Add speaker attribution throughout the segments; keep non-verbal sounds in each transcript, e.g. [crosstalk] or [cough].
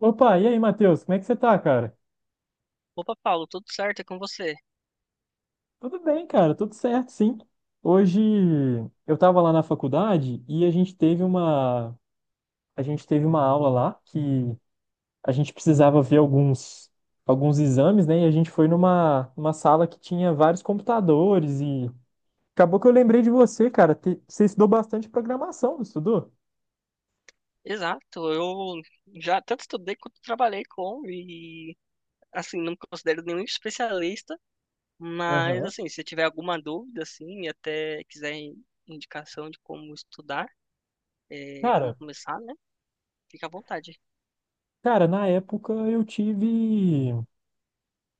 Speaker 1: Opa, e aí, Matheus? Como é que você tá, cara?
Speaker 2: Opa, Paulo, tudo certo é com você?
Speaker 1: Tudo bem, cara, tudo certo, sim. Hoje eu tava lá na faculdade e a gente teve uma aula lá que a gente precisava ver alguns exames, né? E a gente foi numa uma sala que tinha vários computadores e acabou que eu lembrei de você, cara. Você estudou bastante programação, não estudou?
Speaker 2: Exato, eu já tanto estudei quanto trabalhei com e assim, não me considero nenhum especialista, mas
Speaker 1: Aham.
Speaker 2: assim, se tiver alguma dúvida assim, e até quiser indicação de como estudar, como
Speaker 1: Cara,
Speaker 2: começar, né? Fica à vontade.
Speaker 1: cara, na época eu tive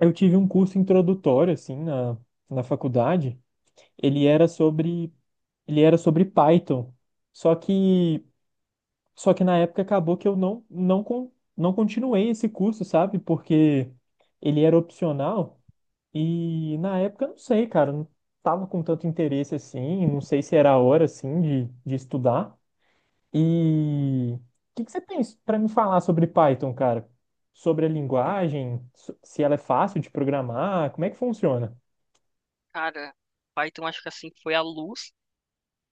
Speaker 1: um curso introdutório assim na faculdade. ele era sobre Ele era sobre Python. Só que só que na época acabou que eu não continuei esse curso, sabe? Porque ele era opcional e na época não sei, cara, não tava com tanto interesse assim, não sei se era a hora assim de estudar. E o que que você tem para me falar sobre Python, cara? Sobre a linguagem, se ela é fácil de programar, como é que funciona?
Speaker 2: Cara, Python acho que assim foi a luz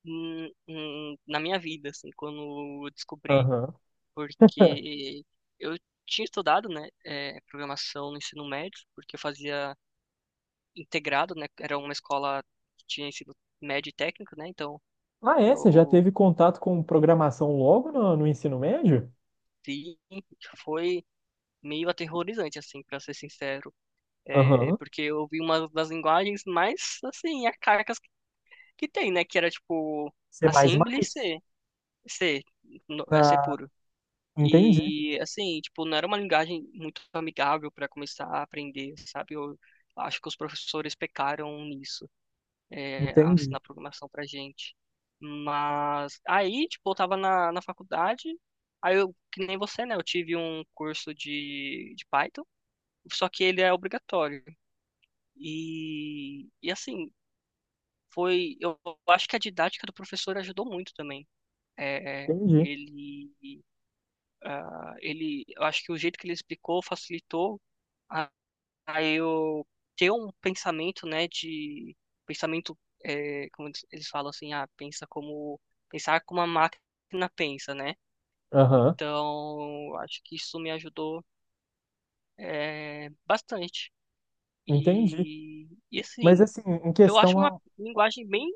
Speaker 2: na minha vida, assim, quando eu descobri, porque eu tinha estudado, né, programação no ensino médio, porque eu fazia integrado, né? Era uma escola que tinha ensino médio e técnico, né? Então
Speaker 1: Ah, é? Você já
Speaker 2: eu
Speaker 1: teve contato com programação logo no ensino médio?
Speaker 2: vi, foi meio aterrorizante, assim, para ser sincero. É,
Speaker 1: Aham.
Speaker 2: porque eu vi uma das linguagens mais, assim, arcaicas que tem, né? Que era tipo
Speaker 1: C++?
Speaker 2: Assembly e C, C, é C
Speaker 1: Na...
Speaker 2: puro.
Speaker 1: Entendi,
Speaker 2: E assim, tipo, não era uma linguagem muito amigável para começar a aprender, sabe? Eu acho que os professores pecaram nisso. É, a
Speaker 1: entendi,
Speaker 2: ensinar programação pra gente. Mas aí, tipo, eu tava na faculdade, aí eu, que nem você, né? Eu tive um curso de Python, só que ele é obrigatório. E assim, foi. Eu acho que a didática do professor ajudou muito também. É, é,
Speaker 1: entendi.
Speaker 2: ele, ele, eu acho que o jeito que ele explicou facilitou. Aí eu ter um pensamento, né, pensamento, é, como eles falam assim, pensar como a máquina pensa, né?
Speaker 1: Aham,
Speaker 2: Então, acho que isso me ajudou bastante.
Speaker 1: entendi.
Speaker 2: E
Speaker 1: Mas
Speaker 2: assim,
Speaker 1: assim,
Speaker 2: eu acho uma linguagem bem,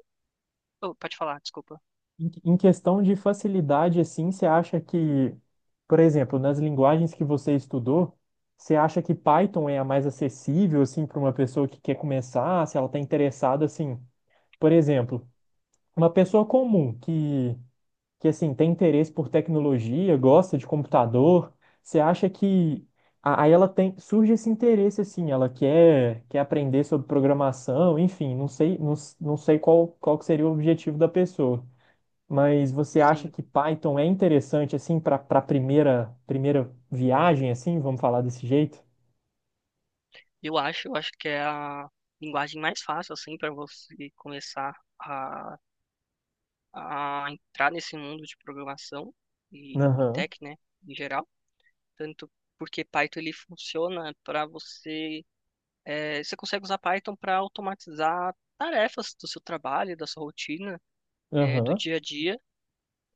Speaker 2: oh, pode falar, desculpa.
Speaker 1: em em questão de facilidade, assim, você acha que, por exemplo, nas linguagens que você estudou, você acha que Python é a mais acessível, assim, para uma pessoa que quer começar, se ela está interessada, assim, por exemplo, uma pessoa comum que assim tem interesse por tecnologia, gosta de computador, você acha que aí ela tem surge esse interesse assim, ela quer aprender sobre programação, enfim, não sei não, não sei qual que seria o objetivo da pessoa, mas você acha
Speaker 2: Sim,
Speaker 1: que Python é interessante assim para primeira viagem assim, vamos falar desse jeito?
Speaker 2: eu acho que é a linguagem mais fácil assim para você começar a entrar nesse mundo de programação e
Speaker 1: Aham,
Speaker 2: tech, né, em geral. Tanto porque Python ele funciona para você, você consegue usar Python para automatizar tarefas do seu trabalho, da sua rotina, do
Speaker 1: aham.
Speaker 2: dia a dia,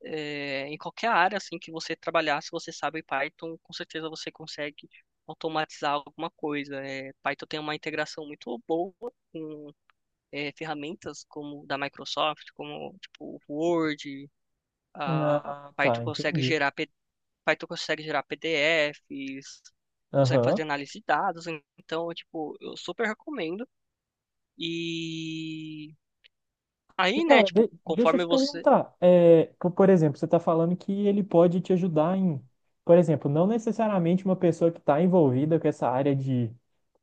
Speaker 2: em qualquer área assim que você trabalhar, se você sabe Python, com certeza você consegue automatizar alguma coisa. É, Python tem uma integração muito boa com ferramentas como da Microsoft, como tipo Word, a
Speaker 1: Ah,
Speaker 2: Python
Speaker 1: tá,
Speaker 2: consegue
Speaker 1: entendi.
Speaker 2: gerar P D F. Aí tu consegue gerar PDFs, consegue
Speaker 1: Aham.
Speaker 2: fazer análise de dados, então, tipo, eu super recomendo. E
Speaker 1: E,
Speaker 2: aí, né,
Speaker 1: cara,
Speaker 2: tipo,
Speaker 1: deixa eu
Speaker 2: conforme
Speaker 1: te
Speaker 2: você,
Speaker 1: perguntar. É, por exemplo, você está falando que ele pode te ajudar em, por exemplo, não necessariamente uma pessoa que está envolvida com essa área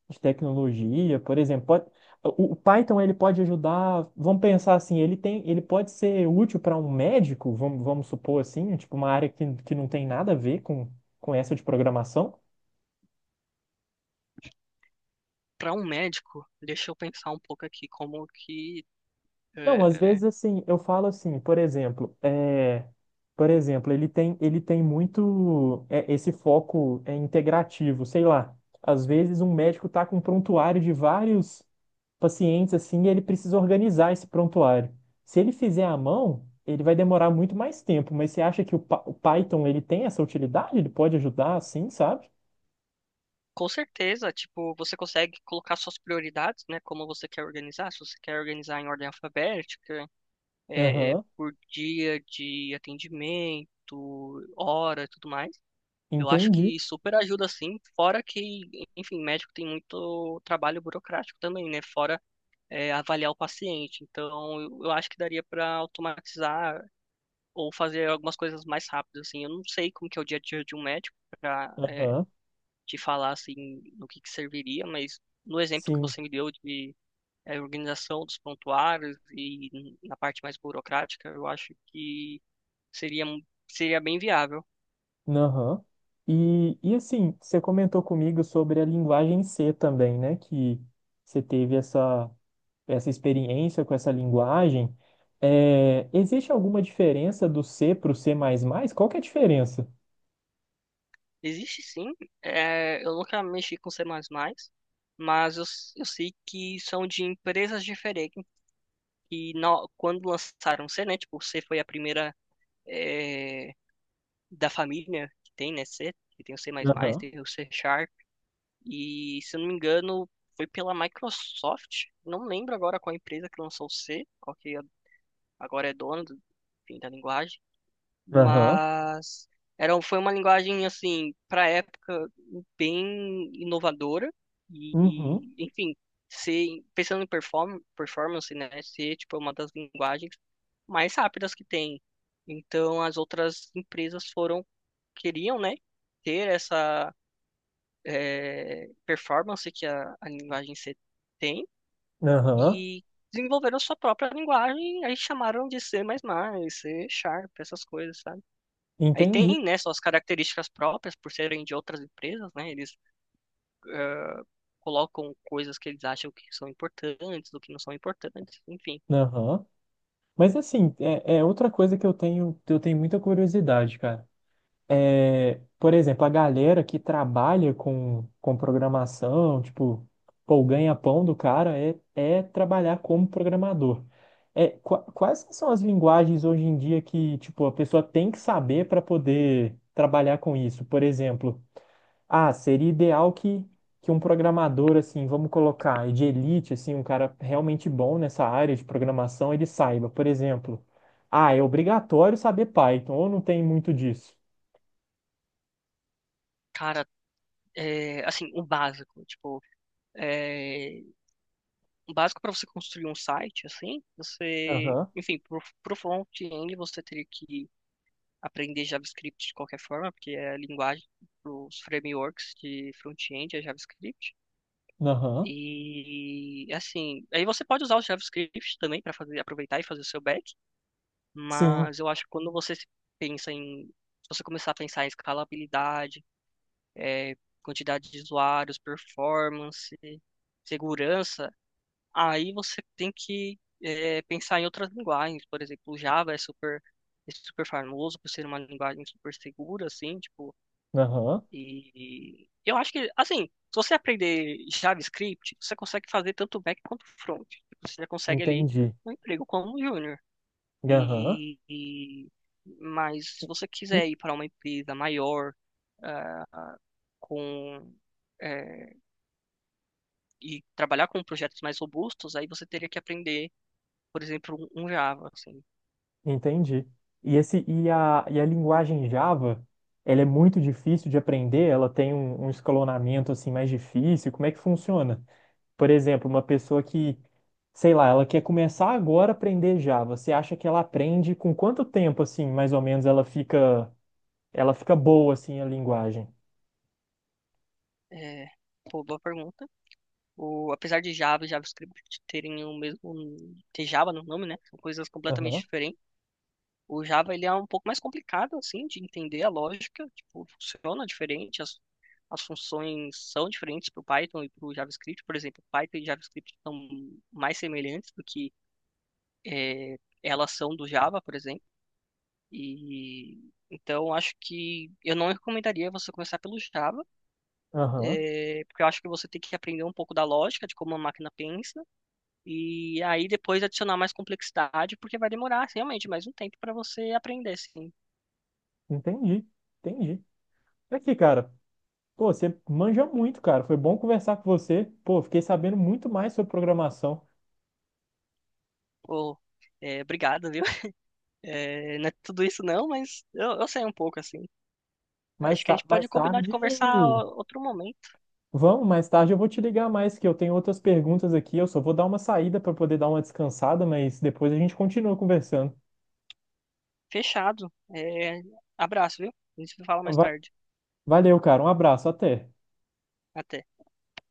Speaker 1: de tecnologia, por exemplo, o Python ele pode ajudar, vamos pensar assim, ele pode ser útil para um médico, vamos supor assim, tipo uma área que não tem nada a ver com essa de programação.
Speaker 2: para um médico, deixa eu pensar um pouco aqui como que
Speaker 1: Não, às
Speaker 2: é,
Speaker 1: vezes assim, eu falo assim, por exemplo, por exemplo, ele tem muito é, esse foco é, integrativo, sei lá. Às vezes um médico tá com um prontuário de vários pacientes assim, e ele precisa organizar esse prontuário. Se ele fizer à mão, ele vai demorar muito mais tempo, mas você acha que o Python ele tem essa utilidade? Ele pode ajudar assim, sabe?
Speaker 2: com certeza, tipo, você consegue colocar suas prioridades, né, como você quer organizar, se você quer organizar em ordem alfabética,
Speaker 1: Aham,
Speaker 2: por dia de atendimento, hora, e tudo mais. Eu acho
Speaker 1: entendi.
Speaker 2: que super ajuda sim, fora que, enfim, médico tem muito trabalho burocrático também, né? Fora avaliar o paciente. Então, eu acho que daria para automatizar ou fazer algumas coisas mais rápidas, assim. Eu não sei como que é o dia a dia de um médico para
Speaker 1: Aham,
Speaker 2: te falar assim no que serviria, mas no exemplo que
Speaker 1: sim.
Speaker 2: você me deu de organização dos prontuários e na parte mais burocrática, eu acho que seria seria bem viável.
Speaker 1: Aham. E assim, você comentou comigo sobre a linguagem C também, né? Que você teve essa, essa experiência com essa linguagem. É, existe alguma diferença do C para o C++? Qual que é a diferença?
Speaker 2: Existe sim. É, eu nunca mexi com C++, mas eu, eu sei que são de empresas diferentes. E quando lançaram C, né? Tipo, C foi a primeira é, da família que tem, né? C, que tem o C++,
Speaker 1: Aham,
Speaker 2: tem o C Sharp. E, se eu não me engano, foi pela Microsoft. Não lembro agora qual empresa que lançou o C, qual que é, agora é dona do, enfim, da linguagem.
Speaker 1: aham,
Speaker 2: Mas era, foi uma linguagem assim para a época bem inovadora e,
Speaker 1: uhum,
Speaker 2: e, enfim, ser pensando em performance, né, ser tipo uma das linguagens mais rápidas que tem, então as outras empresas foram, queriam, né, ter essa performance que a linguagem C tem
Speaker 1: aham,
Speaker 2: e desenvolveram sua própria linguagem, aí chamaram de C++, C Sharp, essas coisas, sabe. Aí
Speaker 1: entendi.
Speaker 2: tem, né, suas características próprias por serem de outras empresas, né? Eles colocam coisas que eles acham que são importantes, do que não são importantes, enfim.
Speaker 1: Aham. Mas assim, é outra coisa que eu tenho muita curiosidade, cara. É, por exemplo, a galera que trabalha com programação, tipo, pô, o ganha-pão do cara é trabalhar como programador. É, quais são as linguagens hoje em dia que, tipo, a pessoa tem que saber para poder trabalhar com isso? Por exemplo, ah, seria ideal que um programador, assim, vamos colocar, de elite, assim, um cara realmente bom nessa área de programação, ele saiba, por exemplo, ah, é obrigatório saber Python, ou não tem muito disso?
Speaker 2: Cara, é, assim, o básico, tipo, é, o básico para você construir um site, assim, você, enfim, pro front-end você teria que aprender JavaScript de qualquer forma, porque é a linguagem, os frameworks de front-end é JavaScript.
Speaker 1: Aham.
Speaker 2: E assim, aí você pode usar o JavaScript também para fazer aproveitar e fazer o seu back.
Speaker 1: Sim.
Speaker 2: Mas eu acho que quando você se pensa em, se você começar a pensar em escalabilidade, eh, quantidade de usuários, performance, segurança, aí você tem que pensar em outras linguagens. Por exemplo, o Java é super famoso por ser uma linguagem super segura, assim, tipo,
Speaker 1: Aham.
Speaker 2: e eu acho que, assim, se você aprender JavaScript, você consegue fazer tanto back quanto front. Você já consegue ali
Speaker 1: Entendi.
Speaker 2: um emprego como júnior.
Speaker 1: Aham.
Speaker 2: E, e- mas
Speaker 1: E-
Speaker 2: se você
Speaker 1: e-
Speaker 2: quiser ir para uma empresa maior, ah, ah, com eh, e trabalhar com projetos mais robustos, aí você teria que aprender, por exemplo, um Java, assim.
Speaker 1: Entendi. E, e a linguagem Java, ela é muito difícil de aprender? Ela tem um, um escalonamento assim mais difícil? Como é que funciona? Por exemplo, uma pessoa que, sei lá, ela quer começar agora a aprender Java. Você acha que ela aprende com quanto tempo assim, mais ou menos, ela fica boa assim a linguagem?
Speaker 2: É, pô, boa pergunta. O, apesar de Java e JavaScript terem o mesmo, ter Java no nome, né? São coisas completamente
Speaker 1: Aham,
Speaker 2: diferentes. O Java ele é um pouco mais complicado assim de entender a lógica, tipo, funciona diferente, as funções são diferentes para o Python e para o JavaScript, por exemplo, Python e JavaScript são mais semelhantes do que elas são do Java, por exemplo. E então acho que eu não recomendaria você começar pelo Java,
Speaker 1: aham,
Speaker 2: porque eu acho que você tem que aprender um pouco da lógica de como a máquina pensa e aí depois adicionar mais complexidade, porque vai demorar assim, realmente mais um tempo para você aprender, assim.
Speaker 1: entendi, entendi. Aqui, cara, pô, você manja muito, cara. Foi bom conversar com você. Pô, fiquei sabendo muito mais sobre programação.
Speaker 2: Pô, é, obrigado, viu? [laughs] É, não é tudo isso não, mas eu sei um pouco, assim.
Speaker 1: Mais,
Speaker 2: Acho que a
Speaker 1: ta
Speaker 2: gente
Speaker 1: mais
Speaker 2: pode combinar de
Speaker 1: tarde.
Speaker 2: conversar outro momento.
Speaker 1: Vamos, mais tarde eu vou te ligar mais, que eu tenho outras perguntas aqui. Eu só vou dar uma saída para poder dar uma descansada, mas depois a gente continua conversando.
Speaker 2: Fechado. É, abraço, viu? A gente se fala
Speaker 1: Então,
Speaker 2: mais tarde.
Speaker 1: Valeu, cara. Um abraço. Até.
Speaker 2: Até.